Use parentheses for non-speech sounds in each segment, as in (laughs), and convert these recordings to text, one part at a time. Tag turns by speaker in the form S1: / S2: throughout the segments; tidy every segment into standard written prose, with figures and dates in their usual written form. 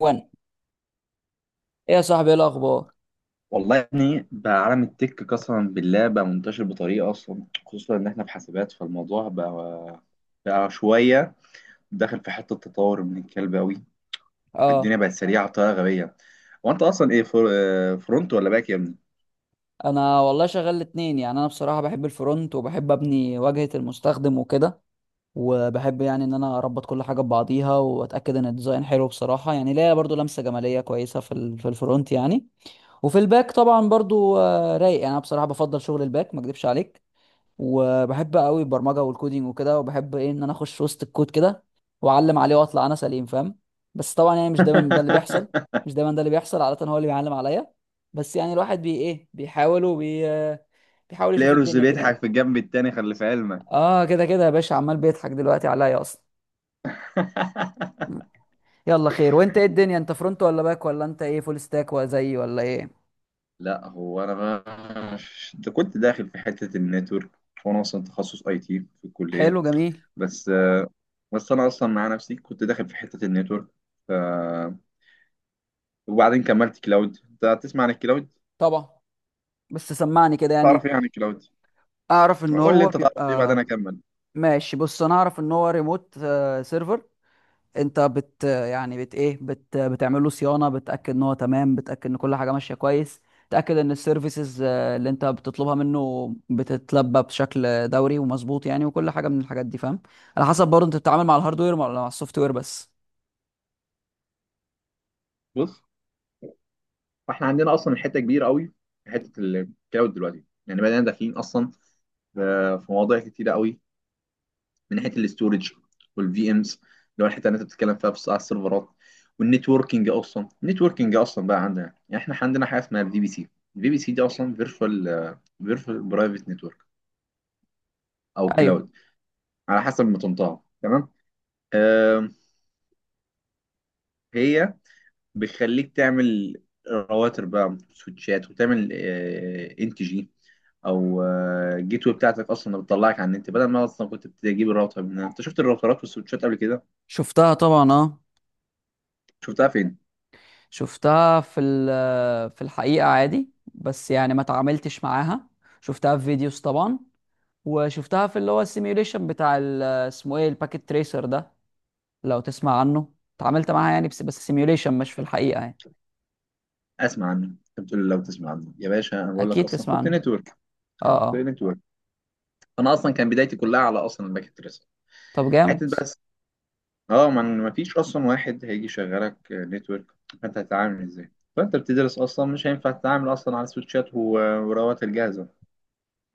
S1: وانا، ايه يا صاحبي؟ ايه الاخبار؟
S2: والله يا ابني، بقى عالم التك قسما بالله بقى منتشر بطريقه اصلا، خصوصا ان احنا في حاسبات. فالموضوع بقى شويه داخل في حته تطور من الكلب قوي.
S1: اه،
S2: الدنيا بقت سريعه بطريقه غبيه. هو انت اصلا ايه فر... آه، فرونت ولا باك يا ابني؟
S1: انا والله شغال الاتنين. يعني انا بصراحه بحب الفرونت، وبحب ابني واجهه المستخدم وكده، وبحب يعني ان انا اربط كل حاجه ببعضيها واتاكد ان الديزاين حلو. بصراحه يعني ليا برضو لمسه جماليه كويسه في ال- في الفرونت يعني. وفي الباك طبعا برضو رايق. يعني انا بصراحه بفضل شغل الباك، ما اكدبش عليك. وبحب قوي البرمجه والكودينج وكده، وبحب ايه ان انا اخش وسط الكود كده واعلم عليه واطلع انا سليم، فاهم؟ بس طبعا يعني مش دايما ده اللي بيحصل.
S2: (laughs)
S1: مش دايما ده اللي بيحصل، عاده هو اللي بيعلم عليا. بس يعني الواحد بي ايه بيحاول بيحاول يشوف
S2: تلاقي رز
S1: الدنيا كده يعني.
S2: بيضحك في الجنب التاني، خلي في علمك.
S1: اه، كده كده يا باشا، عمال بيضحك دلوقتي عليا اصلا. مم.
S2: (laughs)
S1: يلا خير، وانت ايه الدنيا؟ انت فرونت ولا باك؟ ولا انت ايه، فول ستاك ولا زيي ولا ايه؟
S2: لا، هو انا ما... ده كنت داخل في حته النتورك، وانا اصلا تخصص اي تي في الكليه.
S1: حلو، جميل.
S2: بس بس انا اصلا مع نفسي كنت داخل في حته النتورك. ف... وبعدين كملت كلاود. انت تسمع عن الكلاود؟
S1: طبعا، بس سمعني كده يعني.
S2: تعرف ايه عن الكلاود؟
S1: اعرف ان
S2: قول لي
S1: هو
S2: انت تعرف ايه بعدين
S1: بيبقى،
S2: انا اكمل.
S1: ماشي. بص، انا اعرف ان هو ريموت سيرفر. انت بت يعني بت ايه بت بتعمل له صيانه، بتاكد ان هو تمام، بتاكد ان كل حاجه ماشيه كويس. تاكد ان السيرفيسز اللي انت بتطلبها منه بتتلبى بشكل دوري ومظبوط يعني، وكل حاجه من الحاجات دي، فاهم؟ على حسب برضه، انت بتتعامل مع الهاردوير ولا مع السوفت وير بس؟
S2: بص، فاحنا عندنا اصلا حته كبيره قوي في حته الكلاود دلوقتي، يعني بدأنا داخلين اصلا ف- في مواضيع كتيره قوي من ناحيه الاستورج، والفي امز اللي هو الحته اللي انت بتتكلم فيها بس على السيرفرات، والنتوركينج. اصلا النتوركينج اصلا بقى عندنا، يعني احنا عندنا حاجه اسمها الفي بي سي. الفي بي سي دي اصلا فيرتشوال... فيرتشوال برايفت نتورك او
S1: ايوه.
S2: كلاود، على حسب ما تنطقها. تمام. آه، هي بتخليك تعمل رواتر بقى، سويتشات، وتعمل ان تي جي، او جيت واي بتاعتك اصلا اللي بتطلعك على النت، بدل ما اصلا كنت بتجيب الراوتر من هنا. انت شفت الراوترات والسويتشات قبل كده؟
S1: شفتها طبعا، اه.
S2: شفتها فين؟
S1: شفتها في ال- في الحقيقه عادي، بس يعني ما تعاملتش معاها. شفتها في فيديوز طبعا، وشفتها في اللي هو السيميوليشن بتاع اسمه ايه، الباكيت تريسر ده، لو تسمع عنه. اتعاملت معاها يعني، بس بس سيميوليشن، مش في الحقيقة يعني.
S2: اسمع عنه. انت بتقول لي لو تسمع عنه يا باشا، انا بقول لك
S1: اكيد
S2: اصلا
S1: تسمع
S2: كنت
S1: عنه.
S2: نتورك. انا
S1: اه
S2: كنت
S1: اه.
S2: نتورك. انا اصلا كان بدايتي كلها على اصلا الباكت تريس.
S1: طب
S2: حته
S1: جامد.
S2: بقى، اه، من ما فيش اصلا واحد هيجي يشغلك نتورك، فانت هتتعامل ازاي؟ فانت بتدرس اصلا، مش هينفع تتعامل اصلا على وراوات الجاهزه،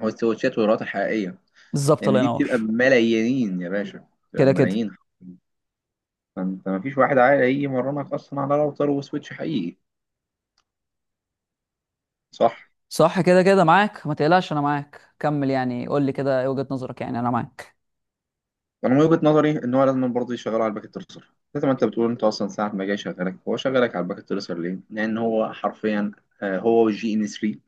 S2: او سويتشات وراوات حقيقيه،
S1: بالظبط، الله
S2: لان دي بتبقى
S1: ينور.
S2: بملايين يا باشا، بتبقى
S1: كده كده.
S2: بملايين. فانت ما فيش واحد عاقل هيجي يمرنك اصلا على راوتر وسويتش حقيقي، صح؟
S1: صح، كده كده معاك، ما تقلقش انا معاك، كمل يعني، قول لي كده ايه وجهة نظرك، يعني انا معاك.
S2: انا من وجهه نظري ان هو لازم برضه يشغله على الباكيت ترسر، زي ما انت بتقول. انت اصلا ساعه ما جاي شغالك، هو شغالك على الباكيت ترسر ليه؟ لان هو حرفيا هو والجي ان 3.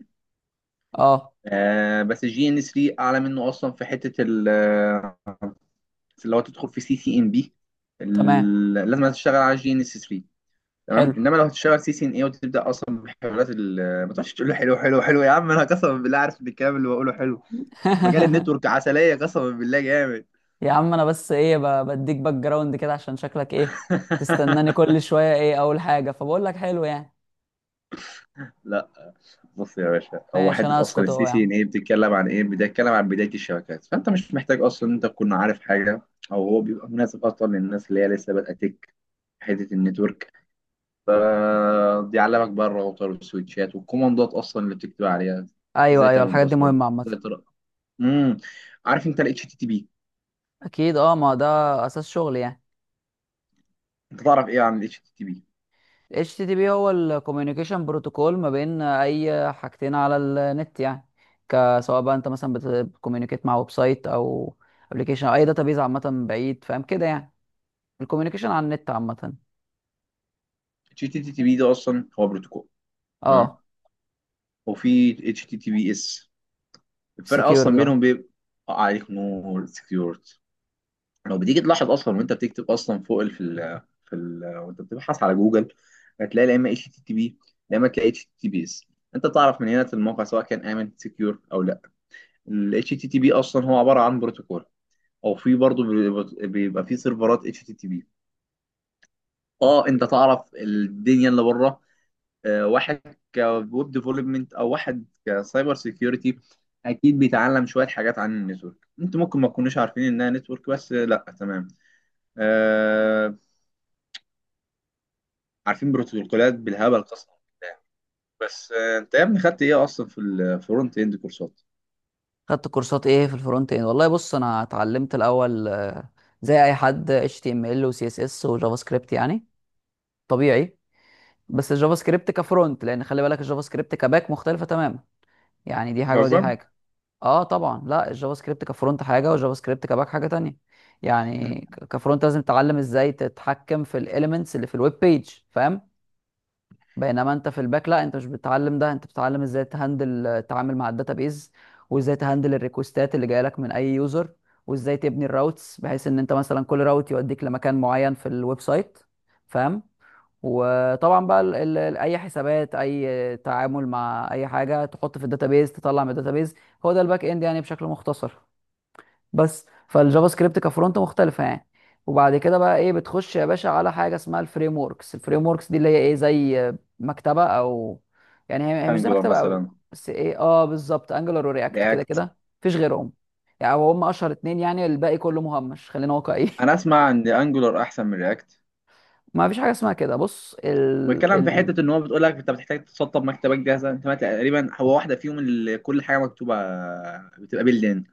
S1: اه.
S2: آه، بس الجي ان 3 اعلى منه اصلا في حته ال آه، اللي هو تدخل في سي سي ان بي.
S1: تمام.
S2: لازم تشتغل على الجي ان 3، تمام.
S1: حلو.
S2: انما لو هتشتغل سي سي ان اي وتبدا اصلا ما تقعدش تقول له حلو حلو حلو. يا عم انا قسما بالله عارف ان الكلام اللي بقوله حلو. مجال
S1: (laughs)
S2: النتورك عسليه، قسما بالله جامد.
S1: يا عم انا بس ايه، بديك باك جراوند كده عشان شكلك ايه تستناني
S2: (laughs)
S1: كل شوية. ايه اول حاجة فبقول لك حلو يعني.
S2: لا بص يا باشا، هو
S1: ماشي انا
S2: حته اصلا
S1: هسكت اهو
S2: السي
S1: يا
S2: سي ان
S1: عم.
S2: ايه بتتكلم عن ايه؟ بتتكلم عن بدايه الشبكات. فانت مش محتاج اصلا انت تكون عارف حاجه، او هو بيبقى مناسب اصلا للناس اللي هي لسه بادئه تك، حته النتورك. فبيعلمك بقى الراوتر والسويتشات والكوماندات اصلا اللي بتكتب عليها.
S1: ايوه
S2: ازاي
S1: ايوه،
S2: تعمل
S1: الحاجات دي
S2: باسورد،
S1: مهمه عامه.
S2: ازاي ترى... امم عارف انت الاتش تي تي بي؟
S1: اكيد اه، ما ده اساس شغل يعني.
S2: انت تعرف ايه عن الاتش تي تي بي؟
S1: ال HTTP هو الكوميونيكيشن بروتوكول ما بين اي حاجتين على النت يعني. سواء بقى انت مثلا بتكوميونيكيت مع ويب سايت او ابلكيشن او اي داتابيز عامه بعيد، فاهم كده يعني، الكوميونيكيشن على النت عامه.
S2: الاتش تي تي بي ده اصلا هو بروتوكول، تمام.
S1: اه،
S2: وفي اتش تي تي بي اس. الفرق
S1: سكيور
S2: اصلا
S1: ده.
S2: بينهم بيبقى عليك نور، سكيورتي. لو بتيجي تلاحظ اصلا وانت بتكتب اصلا فوق ال- في ال في ال وانت بتبحث على جوجل، هتلاقي لا اما اتش تي تي بي، لا اما تلاقي اتش تي تي بيس. انت تعرف من هنا الموقع سواء كان امن سكيور او لا. الاتش تي تي بي اصلا هو عباره عن بروتوكول، او في برضه بيبقى في سيرفرات اتش تي تي بي. اه، انت تعرف الدنيا اللي بره؟ آه، واحد كويب ديفلوبمنت او واحد كسايبر سيكيورتي، اكيد بيتعلم شويه حاجات عن النتورك. انتوا ممكن ما تكونوش عارفين انها نتورك، بس لا، تمام. آه، عارفين بروتوكولات بالهبل قسما بالله. بس آه، انت يا ابني خدت ايه اصلا في الفرونت اند كورسات؟
S1: خدت كورسات ايه في الفرونت اند؟ والله بص، انا اتعلمت الاول زي اي حد HTML و CSS وجافا سكريبت يعني، طبيعي. بس الجافا سكريبت كفرونت، لان خلي بالك الجافا سكريبت كباك مختلفه تماما. يعني دي حاجه ودي
S2: بتهزر.
S1: حاجه. اه طبعا، لا الجافا سكريبت كفرونت حاجه، والجافا سكريبت كباك حاجه تانية.
S2: انت...
S1: يعني كفرونت لازم تتعلم ازاي تتحكم في الاليمنتس اللي في الويب بيج، فاهم؟ بينما انت في الباك لا، انت مش بتتعلم ده، انت بتتعلم ازاي تهندل التعامل مع الداتابيز، وازاي تهندل الريكوستات اللي جايه لك من اي يوزر، وازاي تبني الراوتس بحيث ان انت مثلا كل راوت يوديك لمكان معين في الويب سايت، فاهم؟ وطبعا بقى ال اي حسابات، اي تعامل مع اي حاجه تحط في الداتابيز، تطلع من الداتابيز، هو ده الباك اند يعني بشكل مختصر. بس فالجافا سكريبت كفرونت مختلفه يعني. وبعد كده بقى ايه، بتخش يا باشا على حاجه اسمها الفريم وركس. الفريم وركس دي اللي هي ايه، زي مكتبه، او يعني هي هي مش زي
S2: انجولار
S1: مكتبه قوي.
S2: مثلا.
S1: بس ايه اه، بالظبط، انجلر ورياكت كده
S2: رياكت.
S1: كده، مفيش غيرهم. يعني هم اشهر اتنين، يعني الباقي كله مهمش، خلينا واقعيين.
S2: انا
S1: (laughs)
S2: اسمع ان انجولار احسن من رياكت.
S1: ما فيش حاجه اسمها كده، بص
S2: بتكلم في حته ان هو بتقول لك انت بتحتاج تسطب مكتبك جاهزه. انت ما تقريبا هو واحده فيهم اللي كل حاجه مكتوبه بتبقى باللين.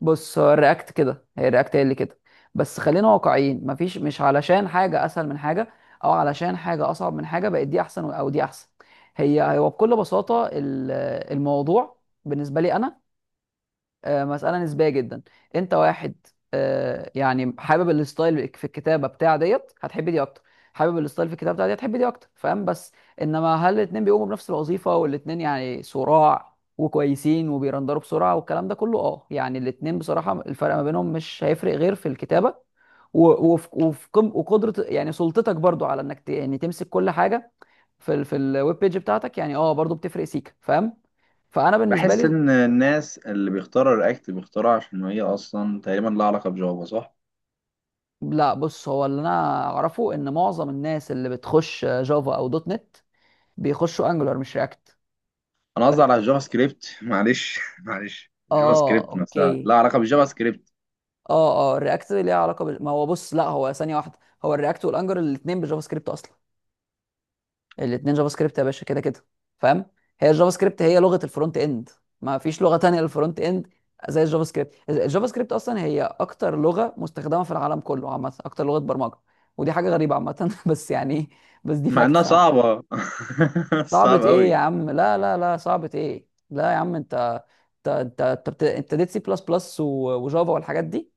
S1: بص هو الرياكت كده، هي الرياكت هي اللي كده. بس خلينا واقعيين، مفيش مش علشان حاجة أسهل من حاجة أو علشان حاجة أصعب من حاجة بقت دي أحسن أو دي أحسن. هي هو بكل بساطة، الموضوع بالنسبة لي أنا مسألة نسبية جدا. انت واحد يعني حابب الستايل في الكتابة بتاع ديت، هتحب دي اكتر. حابب الستايل في الكتابة بتاع دي، هتحب دي اكتر، فاهم؟ بس انما هل الاتنين بيقوموا بنفس الوظيفة والاتنين يعني صراع وكويسين وبيرندروا بسرعة والكلام ده كله؟ اه يعني الاتنين بصراحة الفرق ما بينهم مش هيفرق غير في الكتابة وقدرة يعني سلطتك برضو على انك يعني تمسك كل حاجة في ال- في الويب بيج بتاعتك، يعني اه برضو بتفرق سيكا، فاهم؟ فانا بالنسبه
S2: بحس
S1: لي،
S2: ان الناس اللي بيختاروا رياكت بيختاروا عشان هي اصلا تقريبا لها علاقه بجافا، صح؟
S1: لا بص هو اللي انا اعرفه ان معظم الناس اللي بتخش جافا او دوت نت بيخشوا انجولار مش رياكت.
S2: انا قصدي على الجافا سكريبت. (laughs) معلش معلش، الجافا
S1: اه،
S2: سكريبت نفسها
S1: اوكي.
S2: لها علاقه بالجافا سكريبت.
S1: اه اه، الرياكت ليها علاقه بال... ما هو بص، لا هو ثانيه واحده، هو الرياكت والانجولار الاثنين بالجافا سكريبت اصلا. الاثنين جافا سكريبت يا باشا، كده كده، فاهم؟ هي الجافا سكريبت هي لغه الفرونت اند، ما فيش لغه تانية للفرونت اند زي الجافا سكريبت. الجافا سكريبت اصلا هي اكتر لغه مستخدمه في العالم كله، عامه اكتر لغه برمجه. ودي حاجه غريبه عامه. (laughs) بس يعني بس دي
S2: مع انها
S1: فاكتس.
S2: صعبة. (laughs)
S1: صعبة
S2: صعب
S1: ايه يا
S2: قوي.
S1: عم؟ لا لا لا، صعبة ايه؟ لا يا عم، انت انت اديت سي بلس بلس وجافا والحاجات دي،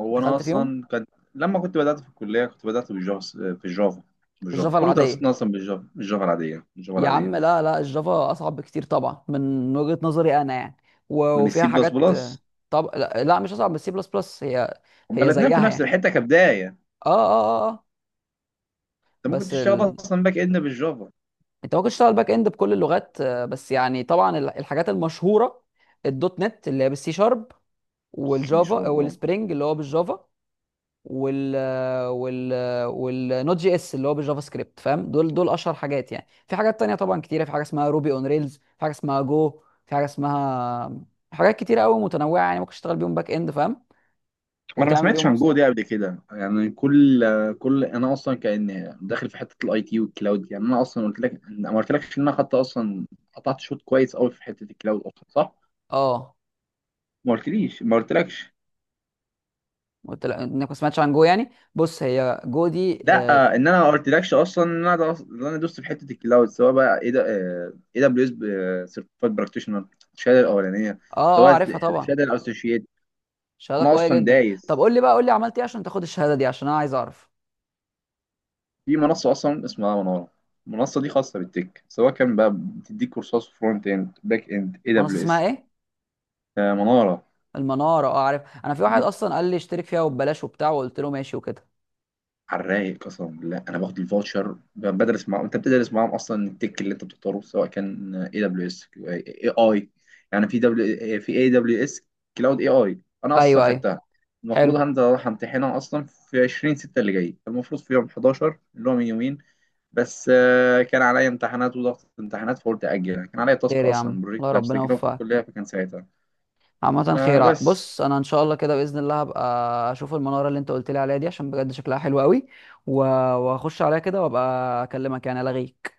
S2: هو انا
S1: دخلت فيهم.
S2: اصلا كان... لما كنت بدأت في الكلية، كنت بدأت بالجافا. في الجافا، بالجافا،
S1: الجافا
S2: كل
S1: العادية،
S2: دراستنا اصلا بالجافا، بالجافا العادية، بالجافا
S1: يا
S2: العادية.
S1: عم لا لا، الجافا اصعب بكتير طبعا من وجهة نظري انا يعني، و-
S2: من
S1: وفيها
S2: السي بلس
S1: حاجات.
S2: بلس.
S1: طب لا, لا مش اصعب من السي بلس بلس، هي
S2: هما
S1: هي
S2: الاتنين في
S1: زيها
S2: نفس
S1: يعني.
S2: الحتة كبداية. انت
S1: اه اه اه
S2: ممكن
S1: بس
S2: تشتغل
S1: ال...
S2: اصلا باك اند بالجافا.
S1: انت ممكن تشتغل باك اند بكل اللغات. بس يعني طبعا الحاجات المشهورة، الدوت نت اللي هي بالسي شارب،
S2: سي
S1: والجافا
S2: شوربة.
S1: والسبرينج اللي هو بالجافا، وال وال والنوت جي اس اللي هو بالجافا سكريبت، فاهم؟ دول دول اشهر حاجات يعني. في حاجات تانية طبعا كتيره، في حاجه اسمها روبي اون ريلز، في حاجه اسمها جو، في حاجه اسمها، حاجات كتيره قوي متنوعه يعني، ممكن تشتغل بيهم باك اند، فاهم؟
S2: وانا ما
S1: وتعمل بيهم
S2: سمعتش
S1: ويب
S2: عن جو
S1: سايت.
S2: دي قبل كده. يعني كل... كل انا اصلا كان داخل في حته الاي تي والكلاود. يعني انا اصلا قلت لك، ما قلتلكش ان انا خدت اصلا، قطعت شوط كويس قوي في حته الكلاود اصلا، صح؟
S1: اه،
S2: ما قلتليش ما قلتلكش.
S1: قلت لك انك ما سمعتش عن جو يعني. بص هي جو دي،
S2: لا آه،
S1: اه
S2: ان انا ما قلتلكش اصلا ان انا دوست في حته الكلاود، سواء بقى ايه ده، اي دبليو اس سيرتيفايد براكتيشنر، الشهاده الاولانيه،
S1: اه
S2: سواء
S1: عارفها طبعا.
S2: الشهاده الاسوشيت.
S1: شهاده
S2: انا
S1: قويه
S2: اصلا
S1: جدا. طب
S2: دايس
S1: قول لي بقى، قول لي عملت ايه عشان تاخد الشهاده دي، عشان انا عايز اعرف.
S2: في منصه اصلا اسمها مناره. المنصه دي خاصه بالتك، سواء كان بقى بتديك كورسات فرونت اند، باك اند، اي
S1: منصه
S2: دبليو
S1: اسمها
S2: اس.
S1: ايه؟
S2: مناره
S1: المناره، اه عارف. انا في
S2: دي
S1: واحد اصلا قال لي اشترك فيها وببلاش وبتاع، وقلت له ماشي وكده.
S2: على الرايق قسما بالله. انا باخد الفاوتشر، بدرس معاهم. انت بتدرس معاهم اصلا التك اللي انت بتختاره، سواء كان اي دبليو اس اي اي، يعني في دبليو، في اي دبليو اس كلاود اي اي. انا اصلا
S1: ايوه ايوه.
S2: خدتها. المفروض
S1: حلو،
S2: هنزل اروح امتحنها اصلا في 20/6 اللي جاي، المفروض في يوم 11 اللي هو من يومين، بس آه، كان عليا امتحانات وضغط امتحانات، فقلت اجلها. كان عليا تاسك
S1: خير يا عم
S2: اصلا،
S1: الله،
S2: بروجكت
S1: ربنا
S2: هسجله في
S1: يوفقك.
S2: الكليه، فكان ساعتها
S1: عامة
S2: آه،
S1: خير،
S2: بس
S1: بص انا ان شاء الله كده باذن الله هبقى اشوف المنارة اللي انت قلت لي عليها دي، عشان بجد شكلها حلو قوي. و- واخش عليها كده وابقى اكلمك يعني، الغيك.